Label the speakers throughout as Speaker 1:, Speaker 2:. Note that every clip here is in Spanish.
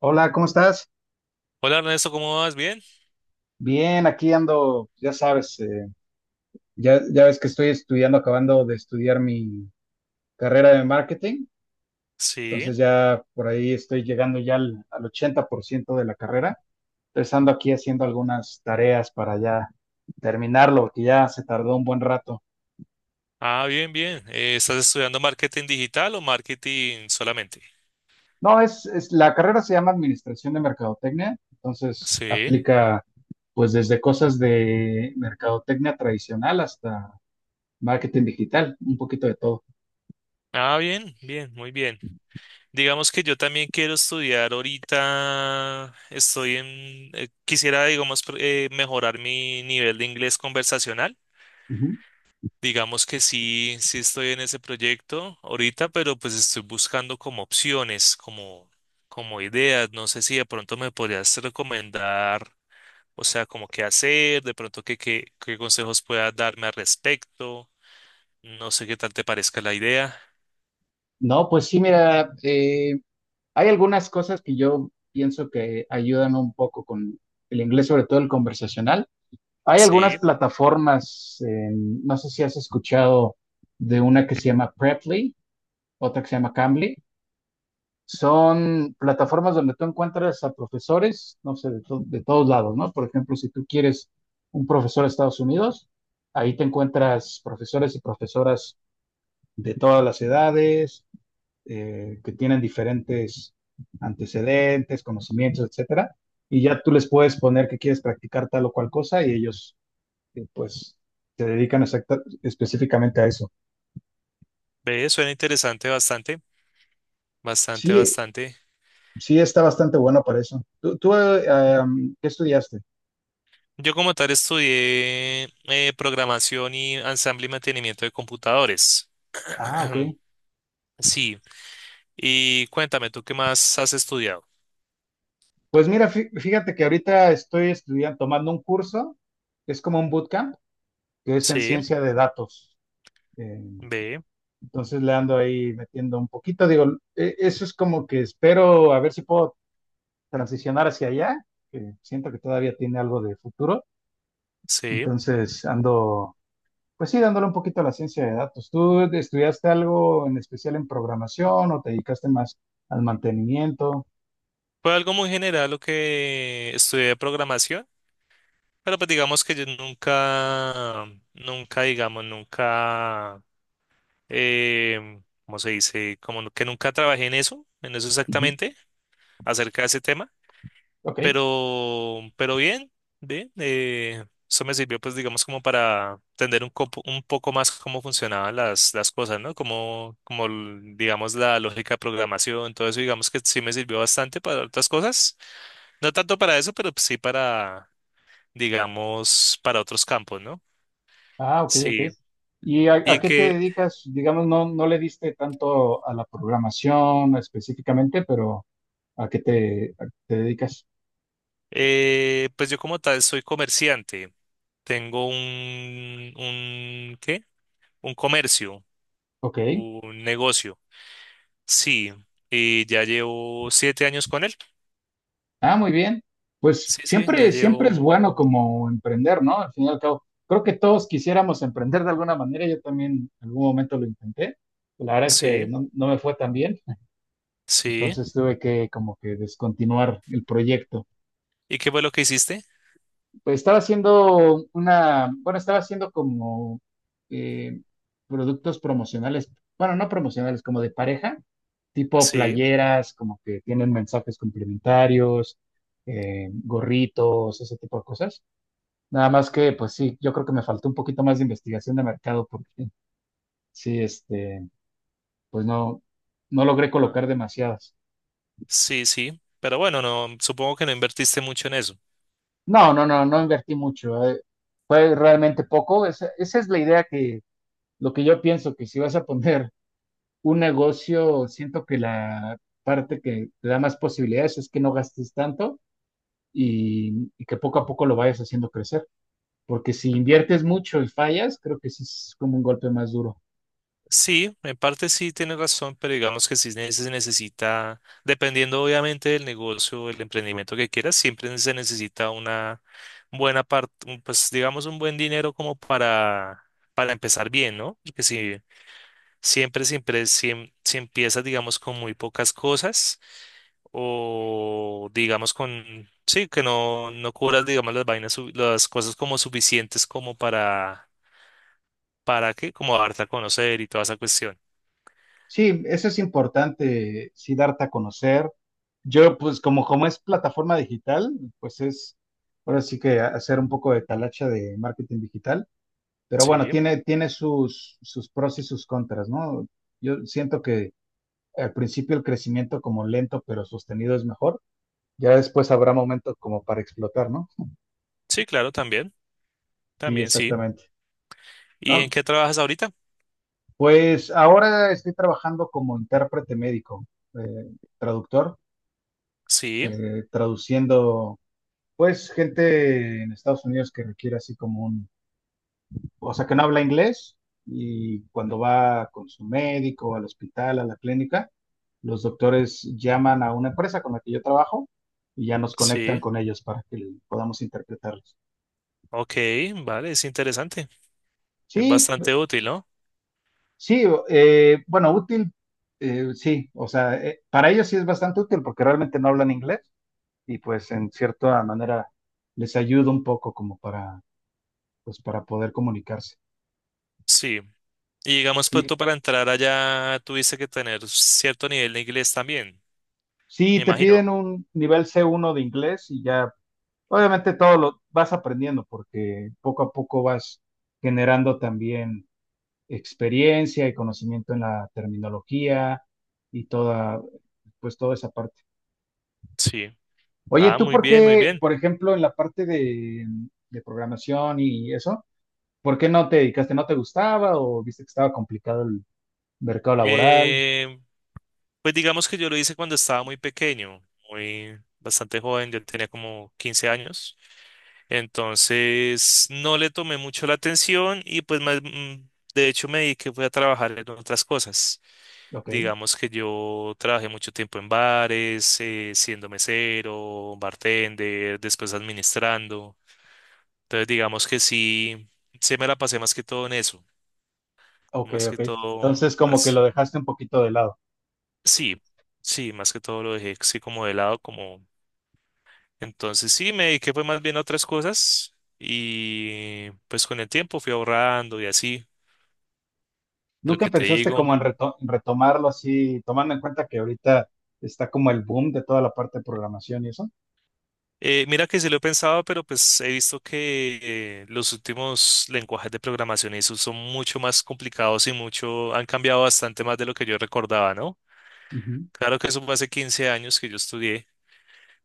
Speaker 1: Hola, ¿cómo estás?
Speaker 2: Hola Ernesto, ¿cómo vas? ¿Bien?
Speaker 1: Bien, aquí ando, ya sabes, ya ves que estoy estudiando, acabando de estudiar mi carrera de marketing,
Speaker 2: Sí.
Speaker 1: entonces ya por ahí estoy llegando ya al 80% de la carrera, entonces ando aquí haciendo algunas tareas para ya terminarlo, porque ya se tardó un buen rato.
Speaker 2: Ah, bien, bien. ¿estás estudiando marketing digital o marketing solamente?
Speaker 1: No, la carrera se llama Administración de Mercadotecnia, entonces
Speaker 2: Sí.
Speaker 1: aplica pues desde cosas de mercadotecnia tradicional hasta marketing digital, un poquito de todo.
Speaker 2: Ah, bien, bien, muy bien. Digamos que yo también quiero estudiar ahorita, quisiera, digamos, mejorar mi nivel de inglés conversacional.
Speaker 1: Ujú.
Speaker 2: Digamos que sí estoy en ese proyecto ahorita, pero pues estoy buscando como opciones, como, como ideas. No sé si de pronto me podrías recomendar. O sea, como qué hacer, de pronto qué consejos pueda darme al respecto. No sé qué tal te parezca la idea.
Speaker 1: No, pues sí, mira, hay algunas cosas que yo pienso que ayudan un poco con el inglés, sobre todo el conversacional. Hay algunas
Speaker 2: Sí,
Speaker 1: plataformas, no sé si has escuchado de una que se llama Preply, otra que se llama Cambly. Son plataformas donde tú encuentras a profesores, no sé, de todos lados, ¿no? Por ejemplo, si tú quieres un profesor de Estados Unidos, ahí te encuentras profesores y profesoras de todas las edades que tienen diferentes antecedentes, conocimientos, etcétera, y ya tú les puedes poner que quieres practicar tal o cual cosa y ellos pues se dedican específicamente a eso.
Speaker 2: ve, suena interesante bastante, bastante,
Speaker 1: Sí,
Speaker 2: bastante.
Speaker 1: sí está bastante bueno para eso. ¿Tú, qué estudiaste?
Speaker 2: Yo como tal estudié programación y ensamble y mantenimiento de computadores.
Speaker 1: Ah, ok.
Speaker 2: Sí, y cuéntame, ¿tú qué más has estudiado?
Speaker 1: Pues mira, fíjate que ahorita estoy estudiando, tomando un curso, que es como un bootcamp, que es en
Speaker 2: Sí,
Speaker 1: ciencia de datos. Eh,
Speaker 2: ve,
Speaker 1: entonces le ando ahí metiendo un poquito, digo, eso es como que espero a ver si puedo transicionar hacia allá, que siento que todavía tiene algo de futuro.
Speaker 2: sí.
Speaker 1: Entonces ando, pues sí, dándole un poquito a la ciencia de datos. ¿Tú estudiaste algo en especial en programación o te dedicaste más al mantenimiento?
Speaker 2: Fue algo muy general lo que estudié de programación. Pero pues digamos que yo nunca, nunca, digamos, nunca, eh, ¿cómo se dice? Como que nunca trabajé en eso
Speaker 1: Ujú.
Speaker 2: exactamente, acerca de ese tema.
Speaker 1: Ok,
Speaker 2: Pero bien, bien, eso me sirvió pues digamos como para entender un poco más cómo funcionaban las cosas, ¿no? Como, digamos la lógica de programación, todo eso digamos que sí me sirvió bastante para otras cosas. No tanto para eso, pero pues, sí para, digamos, para otros campos, ¿no?
Speaker 1: ah, ok, ok.
Speaker 2: Sí,
Speaker 1: ¿Y a
Speaker 2: y
Speaker 1: qué te
Speaker 2: que
Speaker 1: dedicas? Digamos, no, no le diste tanto a la programación específicamente, pero a qué te dedicas?
Speaker 2: pues yo como tal soy comerciante, tengo ¿qué? Un comercio,
Speaker 1: Ok.
Speaker 2: un negocio, sí, y ya llevo 7 años con él,
Speaker 1: Ah, muy bien. Pues
Speaker 2: sí, sí, ya
Speaker 1: siempre, siempre es
Speaker 2: llevo,
Speaker 1: bueno como emprender, ¿no? Al fin y al cabo, creo que todos quisiéramos emprender de alguna manera. Yo también en algún momento lo intenté. La verdad es que
Speaker 2: sí,
Speaker 1: no, no me fue tan bien,
Speaker 2: sí,
Speaker 1: entonces tuve que como que descontinuar el proyecto.
Speaker 2: ¿y qué fue lo que hiciste?
Speaker 1: Pues estaba haciendo una, bueno, estaba haciendo como eh, productos promocionales, bueno, no promocionales, como de pareja, tipo
Speaker 2: Sí.
Speaker 1: playeras, como que tienen mensajes complementarios, gorritos, ese tipo de cosas. Nada más que, pues sí, yo creo que me faltó un poquito más de investigación de mercado porque sí, este, pues no, no logré
Speaker 2: Ah.
Speaker 1: colocar demasiadas.
Speaker 2: Sí, sí, pero bueno, no, supongo que no invertiste mucho en eso.
Speaker 1: No, no, no, no invertí mucho. Fue realmente poco. Esa es la idea que, lo que yo pienso, que si vas a poner un negocio, siento que la parte que te da más posibilidades es que no gastes tanto y que poco a poco lo vayas haciendo crecer. Porque si inviertes mucho y fallas, creo que sí es como un golpe más duro.
Speaker 2: Sí, en parte sí tienes razón, pero digamos que sí se necesita, dependiendo obviamente del negocio, el emprendimiento que quieras, siempre se necesita una buena parte, pues digamos un buen dinero como para empezar bien, ¿no? Porque si siempre, siempre, si, em- si empiezas, digamos, con muy pocas cosas o digamos con, sí, que no cubras, digamos, las cosas como suficientes como ¿para qué? Como darte a conocer y toda esa cuestión.
Speaker 1: Sí, eso es importante, sí, darte a conocer. Yo, pues, como, como es plataforma digital, pues es, ahora sí que hacer un poco de talacha de marketing digital, pero bueno,
Speaker 2: Sí.
Speaker 1: tiene, tiene sus, sus pros y sus contras, ¿no? Yo siento que al principio el crecimiento como lento pero sostenido es mejor, ya después habrá momentos como para explotar, ¿no?
Speaker 2: Sí, claro, también,
Speaker 1: Sí,
Speaker 2: también, sí.
Speaker 1: exactamente.
Speaker 2: ¿Y
Speaker 1: No,
Speaker 2: en qué trabajas ahorita?
Speaker 1: pues ahora estoy trabajando como intérprete médico, eh, traductor,
Speaker 2: Sí,
Speaker 1: traduciendo pues gente en Estados Unidos que requiere así como un, o sea, que no habla inglés y cuando va con su médico al hospital, a la clínica, los doctores llaman a una empresa con la que yo trabajo y ya nos conectan
Speaker 2: sí,
Speaker 1: con ellos para que podamos interpretarlos.
Speaker 2: ok, vale, es interesante, es
Speaker 1: Sí,
Speaker 2: bastante útil, ¿no?
Speaker 1: sí, bueno, útil, sí, o sea, para ellos sí es bastante útil porque realmente no hablan inglés y pues en cierta manera les ayuda un poco como para, pues para poder comunicarse.
Speaker 2: Sí. Y digamos, pues
Speaker 1: Sí,
Speaker 2: tú para entrar allá tuviste que tener cierto nivel de inglés también, me
Speaker 1: sí, te
Speaker 2: imagino.
Speaker 1: piden un nivel C1 de inglés y ya, obviamente todo lo vas aprendiendo porque poco a poco vas generando también experiencia y conocimiento en la terminología y toda, pues toda esa parte.
Speaker 2: Sí.
Speaker 1: Oye,
Speaker 2: Ah,
Speaker 1: ¿tú
Speaker 2: muy
Speaker 1: por
Speaker 2: bien, muy
Speaker 1: qué,
Speaker 2: bien.
Speaker 1: por ejemplo, en la parte de programación y eso, por qué no te dedicaste? ¿No te gustaba o viste que estaba complicado el mercado laboral?
Speaker 2: Eh, pues digamos que yo lo hice cuando estaba muy pequeño, muy bastante joven, yo tenía como 15 años. Entonces no le tomé mucho la atención y pues más, de hecho me dediqué fue a trabajar en otras cosas.
Speaker 1: Ok,
Speaker 2: Digamos que yo trabajé mucho tiempo en bares, siendo mesero, bartender, después administrando. Entonces digamos que sí, se me la pasé más que todo en eso,
Speaker 1: ok,
Speaker 2: más que
Speaker 1: ok.
Speaker 2: todo
Speaker 1: Entonces como que lo
Speaker 2: así.
Speaker 1: dejaste un poquito de lado.
Speaker 2: Sí, sí, más que todo lo dejé así como de lado, como... Entonces sí, me dediqué fue más bien a otras cosas y pues con el tiempo fui ahorrando y así. Lo
Speaker 1: ¿Nunca
Speaker 2: que te
Speaker 1: pensaste
Speaker 2: digo.
Speaker 1: como en en retomarlo así, tomando en cuenta que ahorita está como el boom de toda la parte de programación y eso?
Speaker 2: Mira que sí lo he pensado, pero pues he visto que los últimos lenguajes de programación y eso son mucho más complicados y mucho, han cambiado bastante más de lo que yo recordaba, ¿no?
Speaker 1: Ujú,
Speaker 2: Claro que eso fue hace 15 años que yo estudié.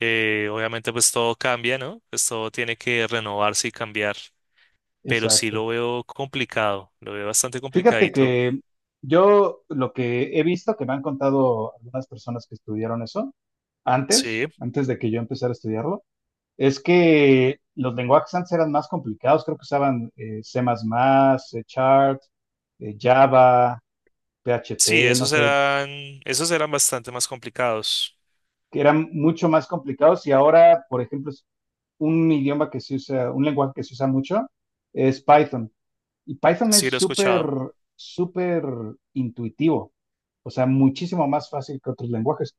Speaker 2: Obviamente pues todo cambia, ¿no? Pues todo tiene que renovarse y cambiar, pero sí
Speaker 1: exacto.
Speaker 2: lo veo complicado, lo veo bastante
Speaker 1: Fíjate
Speaker 2: complicadito.
Speaker 1: que yo lo que he visto, que me han contado algunas personas que estudiaron eso
Speaker 2: Sí,
Speaker 1: antes, antes de que yo empezara a estudiarlo, es que los lenguajes antes eran más complicados, creo que usaban C++, C Sharp, Java,
Speaker 2: sí,
Speaker 1: PHP, no sé,
Speaker 2: esos eran bastante más complicados.
Speaker 1: que eran mucho más complicados y ahora, por ejemplo, un idioma que se usa, un lenguaje que se usa mucho es Python. Y Python
Speaker 2: Sí,
Speaker 1: es
Speaker 2: lo he
Speaker 1: súper,
Speaker 2: escuchado.
Speaker 1: súper intuitivo, o sea, muchísimo más fácil que otros lenguajes.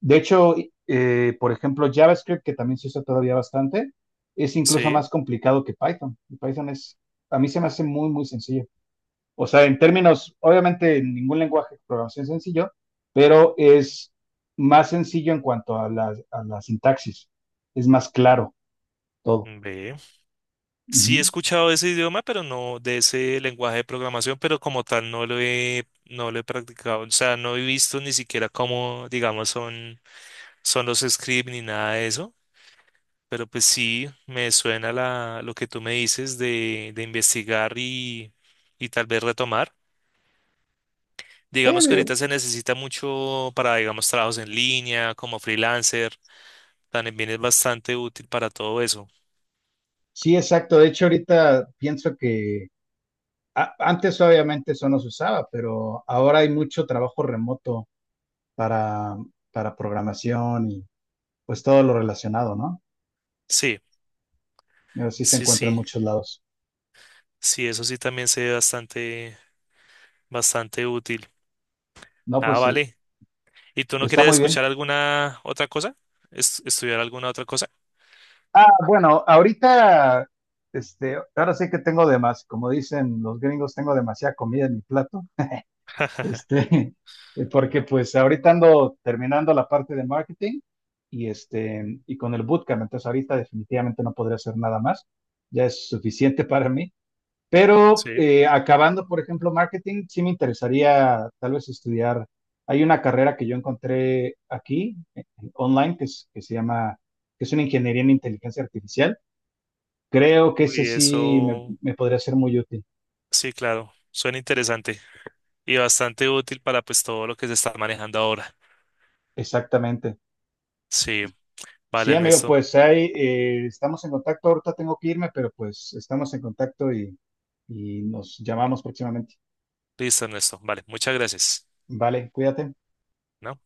Speaker 1: De hecho, por ejemplo, JavaScript, que también se usa todavía bastante, es incluso
Speaker 2: Sí,
Speaker 1: más complicado que Python. Y Python es, a mí se me hace muy, muy sencillo. O sea, en términos, obviamente, ningún lenguaje de programación es sencillo, pero es más sencillo en cuanto a la sintaxis. Es más claro todo.
Speaker 2: ve. Sí he
Speaker 1: Ujú.
Speaker 2: escuchado ese idioma, pero no de ese lenguaje de programación, pero como tal no lo he practicado. O sea, no he visto ni siquiera cómo, digamos, son, son los scripts ni nada de eso. Pero pues sí, me suena lo que tú me dices de investigar y tal vez retomar.
Speaker 1: Sí,
Speaker 2: Digamos que
Speaker 1: digo,
Speaker 2: ahorita se necesita mucho para, digamos, trabajos en línea, como freelancer. También es bastante útil para todo eso.
Speaker 1: sí, exacto. De hecho, ahorita pienso que antes obviamente eso no se usaba, pero ahora hay mucho trabajo remoto para, para programación y pues todo lo relacionado, ¿no?
Speaker 2: Sí,
Speaker 1: Pero sí se
Speaker 2: sí,
Speaker 1: encuentra en
Speaker 2: sí.
Speaker 1: muchos lados.
Speaker 2: Sí, eso sí también se ve bastante. Bastante útil.
Speaker 1: No,
Speaker 2: Ah,
Speaker 1: pues
Speaker 2: vale. ¿Y tú no
Speaker 1: está
Speaker 2: quieres
Speaker 1: muy
Speaker 2: escuchar
Speaker 1: bien.
Speaker 2: alguna otra cosa? Estudiar alguna otra cosa?
Speaker 1: Ah, bueno, ahorita, este, ahora sí que tengo de más, como dicen los gringos, tengo demasiada comida en mi plato. Este, porque pues ahorita ando terminando la parte de marketing y, este, y con el bootcamp, entonces ahorita definitivamente no podré hacer nada más, ya es suficiente para mí. Pero
Speaker 2: Sí.
Speaker 1: acabando, por ejemplo, marketing, sí me interesaría tal vez estudiar. Hay una carrera que yo encontré aquí, online, que se llama, que es una ingeniería en inteligencia artificial. Creo que ese
Speaker 2: Y
Speaker 1: sí me,
Speaker 2: eso,
Speaker 1: me podría ser muy útil.
Speaker 2: sí, claro, suena interesante y bastante útil para pues todo lo que se está manejando ahora.
Speaker 1: Exactamente.
Speaker 2: Sí, vale,
Speaker 1: Sí, amigo,
Speaker 2: Ernesto.
Speaker 1: pues ahí estamos en contacto. Ahorita tengo que irme, pero pues estamos en contacto y nos llamamos próximamente.
Speaker 2: Listo, Ernesto. Vale, muchas gracias.
Speaker 1: Vale, cuídate.
Speaker 2: ¿No?